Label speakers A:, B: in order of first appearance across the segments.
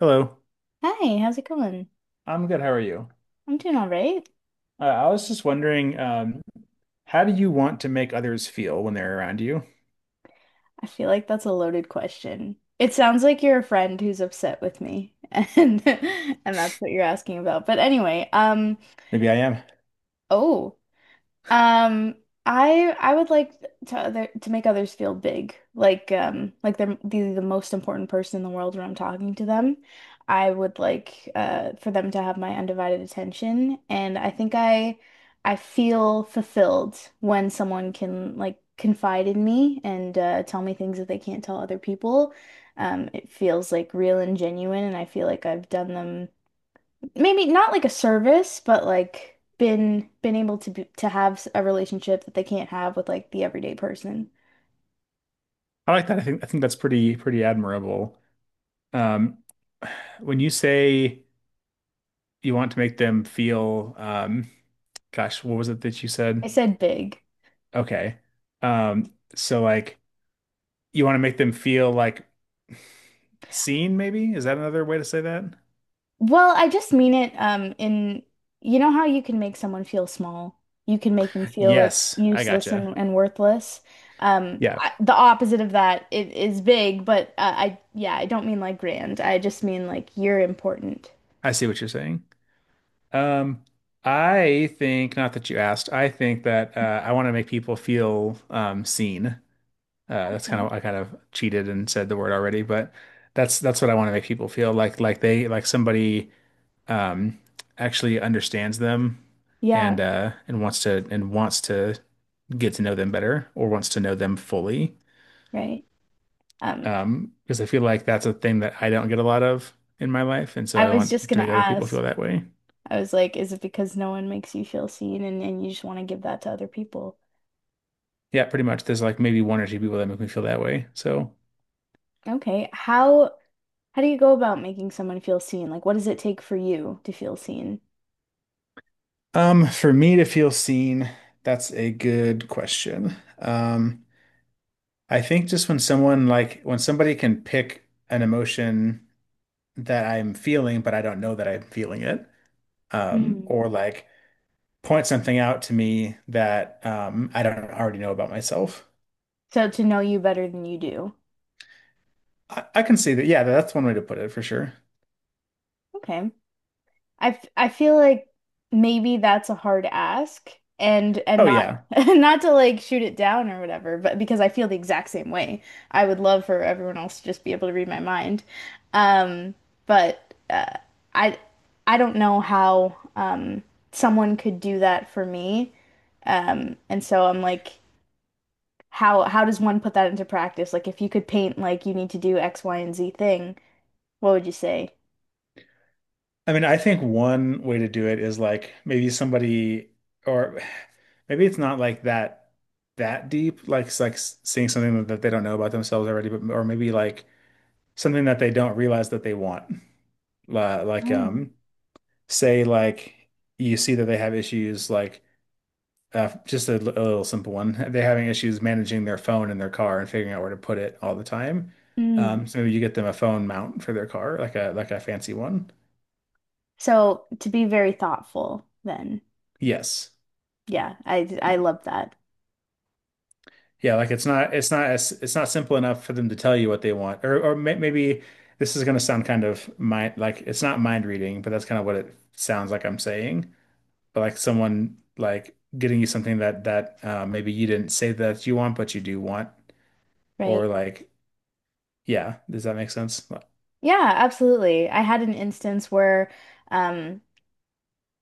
A: Hello,
B: Hi, how's it going?
A: I'm good. How are you?
B: I'm doing all right.
A: I was just wondering, how do you want to make others feel when they're around you?
B: I feel like that's a loaded question. It sounds like you're a friend who's upset with me, and and that's what you're asking about. But anyway,
A: Maybe I am.
B: oh, Um, I would like to other to make others feel big, like they're the most important person in the world when I'm talking to them. I would like for them to have my undivided attention, and I think I feel fulfilled when someone can like confide in me and tell me things that they can't tell other people. It feels like real and genuine, and I feel like I've done them maybe not like a service, but like been able to be, to have a relationship that they can't have with like the everyday person.
A: I like that. I think that's pretty admirable. Um, when you say you want to make them feel, gosh, what was it that you
B: I
A: said?
B: said big.
A: Okay. So like you want to make them feel like seen, maybe? Is that another way to say that?
B: Well, I just mean it in you know how you can make someone feel small. You can make them feel like
A: Yes, I
B: useless
A: gotcha.
B: and worthless.
A: Yeah,
B: The opposite of that is big, but I yeah, I don't mean like grand. I just mean like you're important.
A: I see what you're saying. Um, I think not that you asked. I think that I want to make people feel seen. That's kind
B: Okay.
A: of I kind of cheated and said the word already, but that's what I want to make people feel like they like somebody um, actually understands them
B: Yeah,
A: and wants to get to know them better or wants to know them fully.
B: right. Um,
A: Because I feel like that's a thing that I don't get a lot of in my life, and so I
B: I was just
A: want to
B: gonna
A: make other people
B: ask.
A: feel that way.
B: I was like, is it because no one makes you feel seen and you just want to give that to other people?
A: Yeah, pretty much. There's like maybe one or two people that make me feel that way. So,
B: Okay. How do you go about making someone feel seen? Like, what does it take for you to feel seen?
A: for me to feel seen, that's a good question. I think just when someone like when somebody can pick an emotion that I'm feeling, but I don't know that I'm feeling it, um,
B: Hmm.
A: or like point something out to me that I don't already know about myself.
B: So to know you better than you do.
A: I can see that. Yeah, that's one way to put it for sure.
B: Okay. I feel like maybe that's a hard ask and
A: Oh
B: not
A: yeah.
B: not to like shoot it down or whatever, but because I feel the exact same way. I would love for everyone else to just be able to read my mind. Um, but I I don't know how someone could do that for me. And so I'm like how does one put that into practice? Like if you could paint like you need to do X, Y, and Z thing, what would you say?
A: I mean, I think one way to do it is like maybe somebody, or maybe it's not like that deep, like seeing something that they don't know about themselves already, but or maybe like something that they don't realize that they want. Like,
B: Oh.
A: say like you see that they have issues, like just a little simple one. They're having issues managing their phone in their car and figuring out where to put it all the time. So maybe you get them a phone mount for their car, like a fancy one.
B: So to be very thoughtful, then
A: Yes.
B: yeah, I love that.
A: Yeah, like it's not simple enough for them to tell you what they want. Or maybe this is going to sound kind of mind like it's not mind reading, but that's kind of what it sounds like I'm saying. But like someone like getting you something that maybe you didn't say that you want, but you do want. Or
B: Right.
A: like yeah, does that make sense?
B: Yeah, absolutely. I had an instance where um,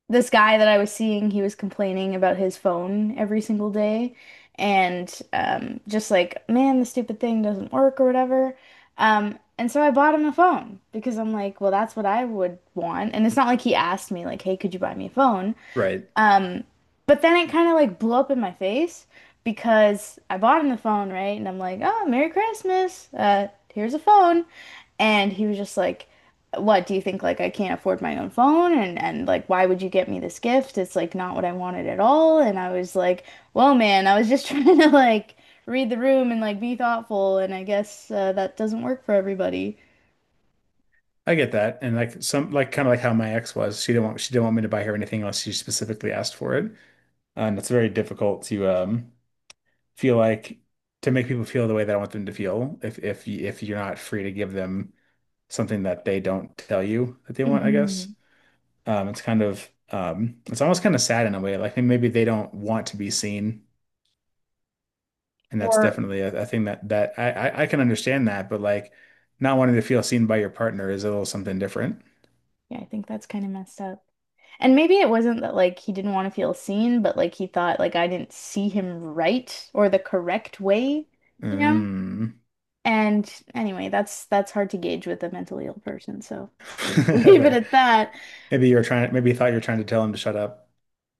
B: this guy that I was seeing, he was complaining about his phone every single day and just like, man, the stupid thing doesn't work or whatever. And so I bought him a phone because I'm like, well, that's what I would want. And it's not like he asked me, like, hey, could you buy me a phone?
A: Right.
B: Um, but then it kind of like blew up in my face because I bought him the phone, right? And I'm like, oh, Merry Christmas. Here's a phone. And he was just like, what do you think? Like, I can't afford my own phone. And like, why would you get me this gift? It's like not what I wanted at all. And I was like, well, man, I was just trying to like read the room and like be thoughtful. And I guess that doesn't work for everybody.
A: I get that. And like some like kind of like how my ex was. She didn't want me to buy her anything unless she specifically asked for it. And it's very difficult to feel like to make people feel the way that I want them to feel. If you're not free to give them something that they don't tell you that they want, I guess.
B: Hmm.
A: It's kind of it's almost kind of sad in a way. Like maybe they don't want to be seen, and that's
B: Or,
A: definitely a thing that that I can understand that. But like not wanting to feel seen by your partner is a little something different.
B: yeah, I think that's kind of messed up. And maybe it wasn't that like he didn't want to feel seen, but like he thought like I didn't see him right or the correct way, you know?
A: Mm.
B: And anyway, that's hard to gauge with a mentally ill person, so I'll leave it
A: Fair.
B: at that.
A: Maybe you were trying. Maybe you thought you were trying to tell him to shut up,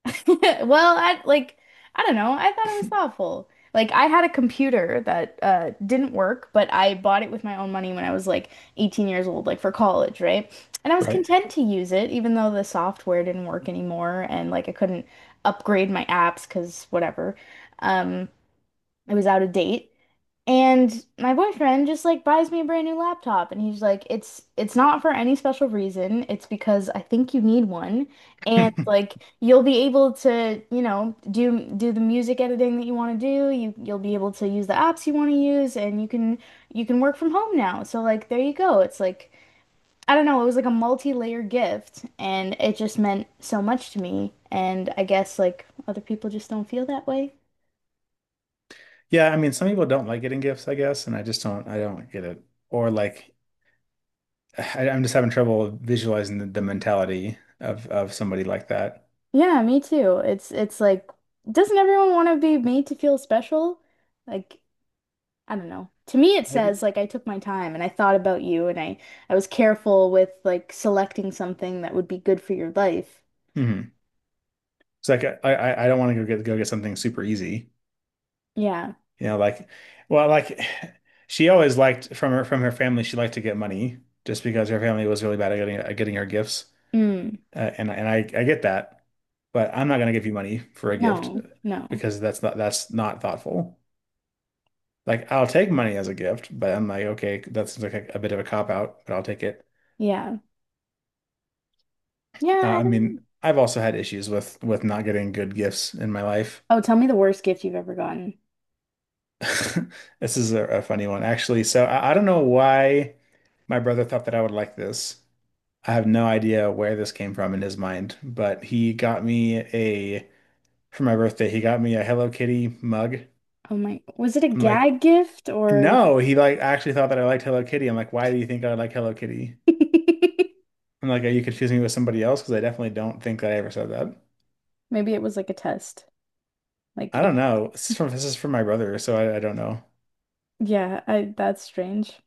B: Well, I like I don't know. I thought it was thoughtful. Like I had a computer that didn't work, but I bought it with my own money when I was like 18 years old, like for college, right? And I was
A: right?
B: content to use it even though the software didn't work anymore and like I couldn't upgrade my apps 'cause whatever. Um it was out of date. And my boyfriend just like buys me a brand new laptop and he's like it's not for any special reason. It's because I think you need one and like you'll be able to, you know, do the music editing that you want to do. You'll be able to use the apps you want to use and you can work from home now. So like there you go. It's like I don't know, it was like a multi-layer gift and it just meant so much to me and I guess like other people just don't feel that way.
A: Yeah, I mean, some people don't like getting gifts, I guess, and I don't get it. Or like, I'm just having trouble visualizing the mentality of somebody like that.
B: Yeah, me too. It's like, doesn't everyone want to be made to feel special? Like, I don't know. To me, it
A: Maybe.
B: says like I took my time and I thought about you and I was careful with like selecting something that would be good for your life.
A: Hmm. It's like I don't want to go get something super easy,
B: Yeah.
A: you know, like, well, like she always liked from her family, she liked to get money just because her family was really bad at getting her gifts,
B: Mm.
A: and I get that, but I'm not gonna give you money for a gift
B: No. No.
A: because that's not thoughtful. Like I'll take money as a gift, but I'm like, okay, that seems like a bit of a cop out, but I'll take it.
B: Yeah. Yeah, I
A: I
B: don't know.
A: mean, I've also had issues with not getting good gifts in my life.
B: Oh, tell me the worst gift you've ever gotten.
A: This is a funny one, actually. So I don't know why my brother thought that I would like this. I have no idea where this came from in his mind, but he got me a Hello Kitty mug.
B: Oh my, was it a
A: I'm like,
B: gag gift or
A: no, he like actually thought that I liked Hello Kitty. I'm like, why do you think I like Hello Kitty?
B: maybe
A: I'm like, are you confusing me with somebody else? Because I definitely don't think that I ever said that.
B: it was like a test? Like
A: I don't
B: if
A: know. This is from my brother, so I don't know.
B: yeah, I that's strange.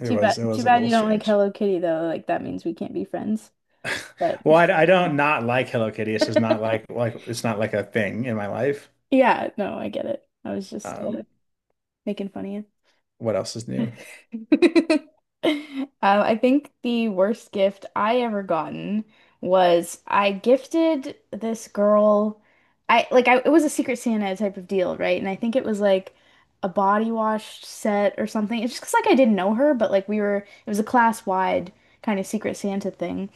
B: Too bad,
A: It
B: too
A: was a
B: bad
A: little
B: you don't like
A: strange.
B: Hello Kitty though. Like that means we can't be friends. But
A: Well, I don't not like Hello Kitty. It's just not like like it's not like a thing in my life.
B: yeah, no, I get it. I was just
A: Um,
B: making fun of you.
A: what else is new?
B: I think the worst gift I ever gotten was I gifted this girl. I like I it was a Secret Santa type of deal, right? And I think it was like a body wash set or something. It's just 'cause, like I didn't know her, but like we were it was a class wide kind of Secret Santa thing.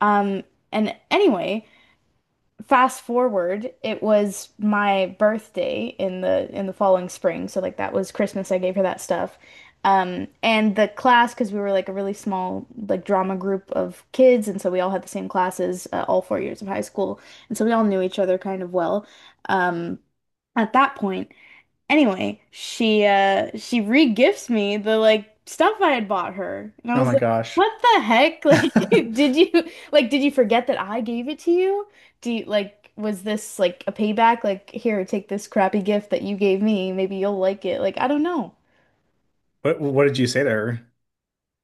B: Um, and anyway, fast forward, it was my birthday in the following spring, so like that was Christmas. I gave her that stuff. And the class, because we were like a really small like drama group of kids, and so we all had the same classes all 4 years of high school, and so we all knew each other kind of well. Um, at that point. Anyway, she re-gifts me the like stuff I had bought her. And I
A: Oh
B: was
A: my
B: like,
A: gosh.
B: "What the heck? Did you like did you forget that I gave it to you? Do you like was this like a payback? Like here, take this crappy gift that you gave me. Maybe you'll like it." Like I don't know.
A: What did you say there?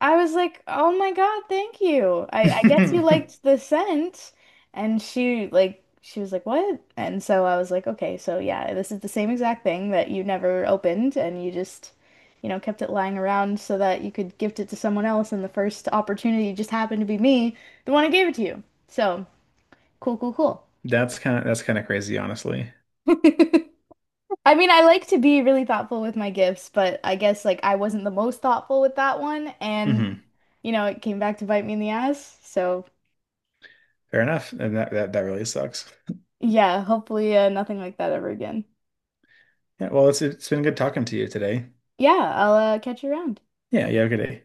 B: I was like, "Oh my God, thank you. I guess you
A: That's
B: liked the scent." And she was like, "What?" And so I was like, "Okay, so yeah, this is the same exact thing that you never opened and you just, you know, kept it lying around so that you could gift it to someone else and the first opportunity just happened to be me, the one who gave it to you." So, cool, cool, cool.
A: kind of crazy, honestly.
B: I mean, I like to be really thoughtful with my gifts, but I guess like I wasn't the most thoughtful with that one and
A: Hmm.
B: you know, it came back to bite me in the ass. So
A: Fair enough. And that that really sucks.
B: yeah, hopefully nothing like that ever again.
A: Yeah, well, it's been good talking to you today.
B: Yeah, I'll catch you around.
A: Yeah, you have a good day.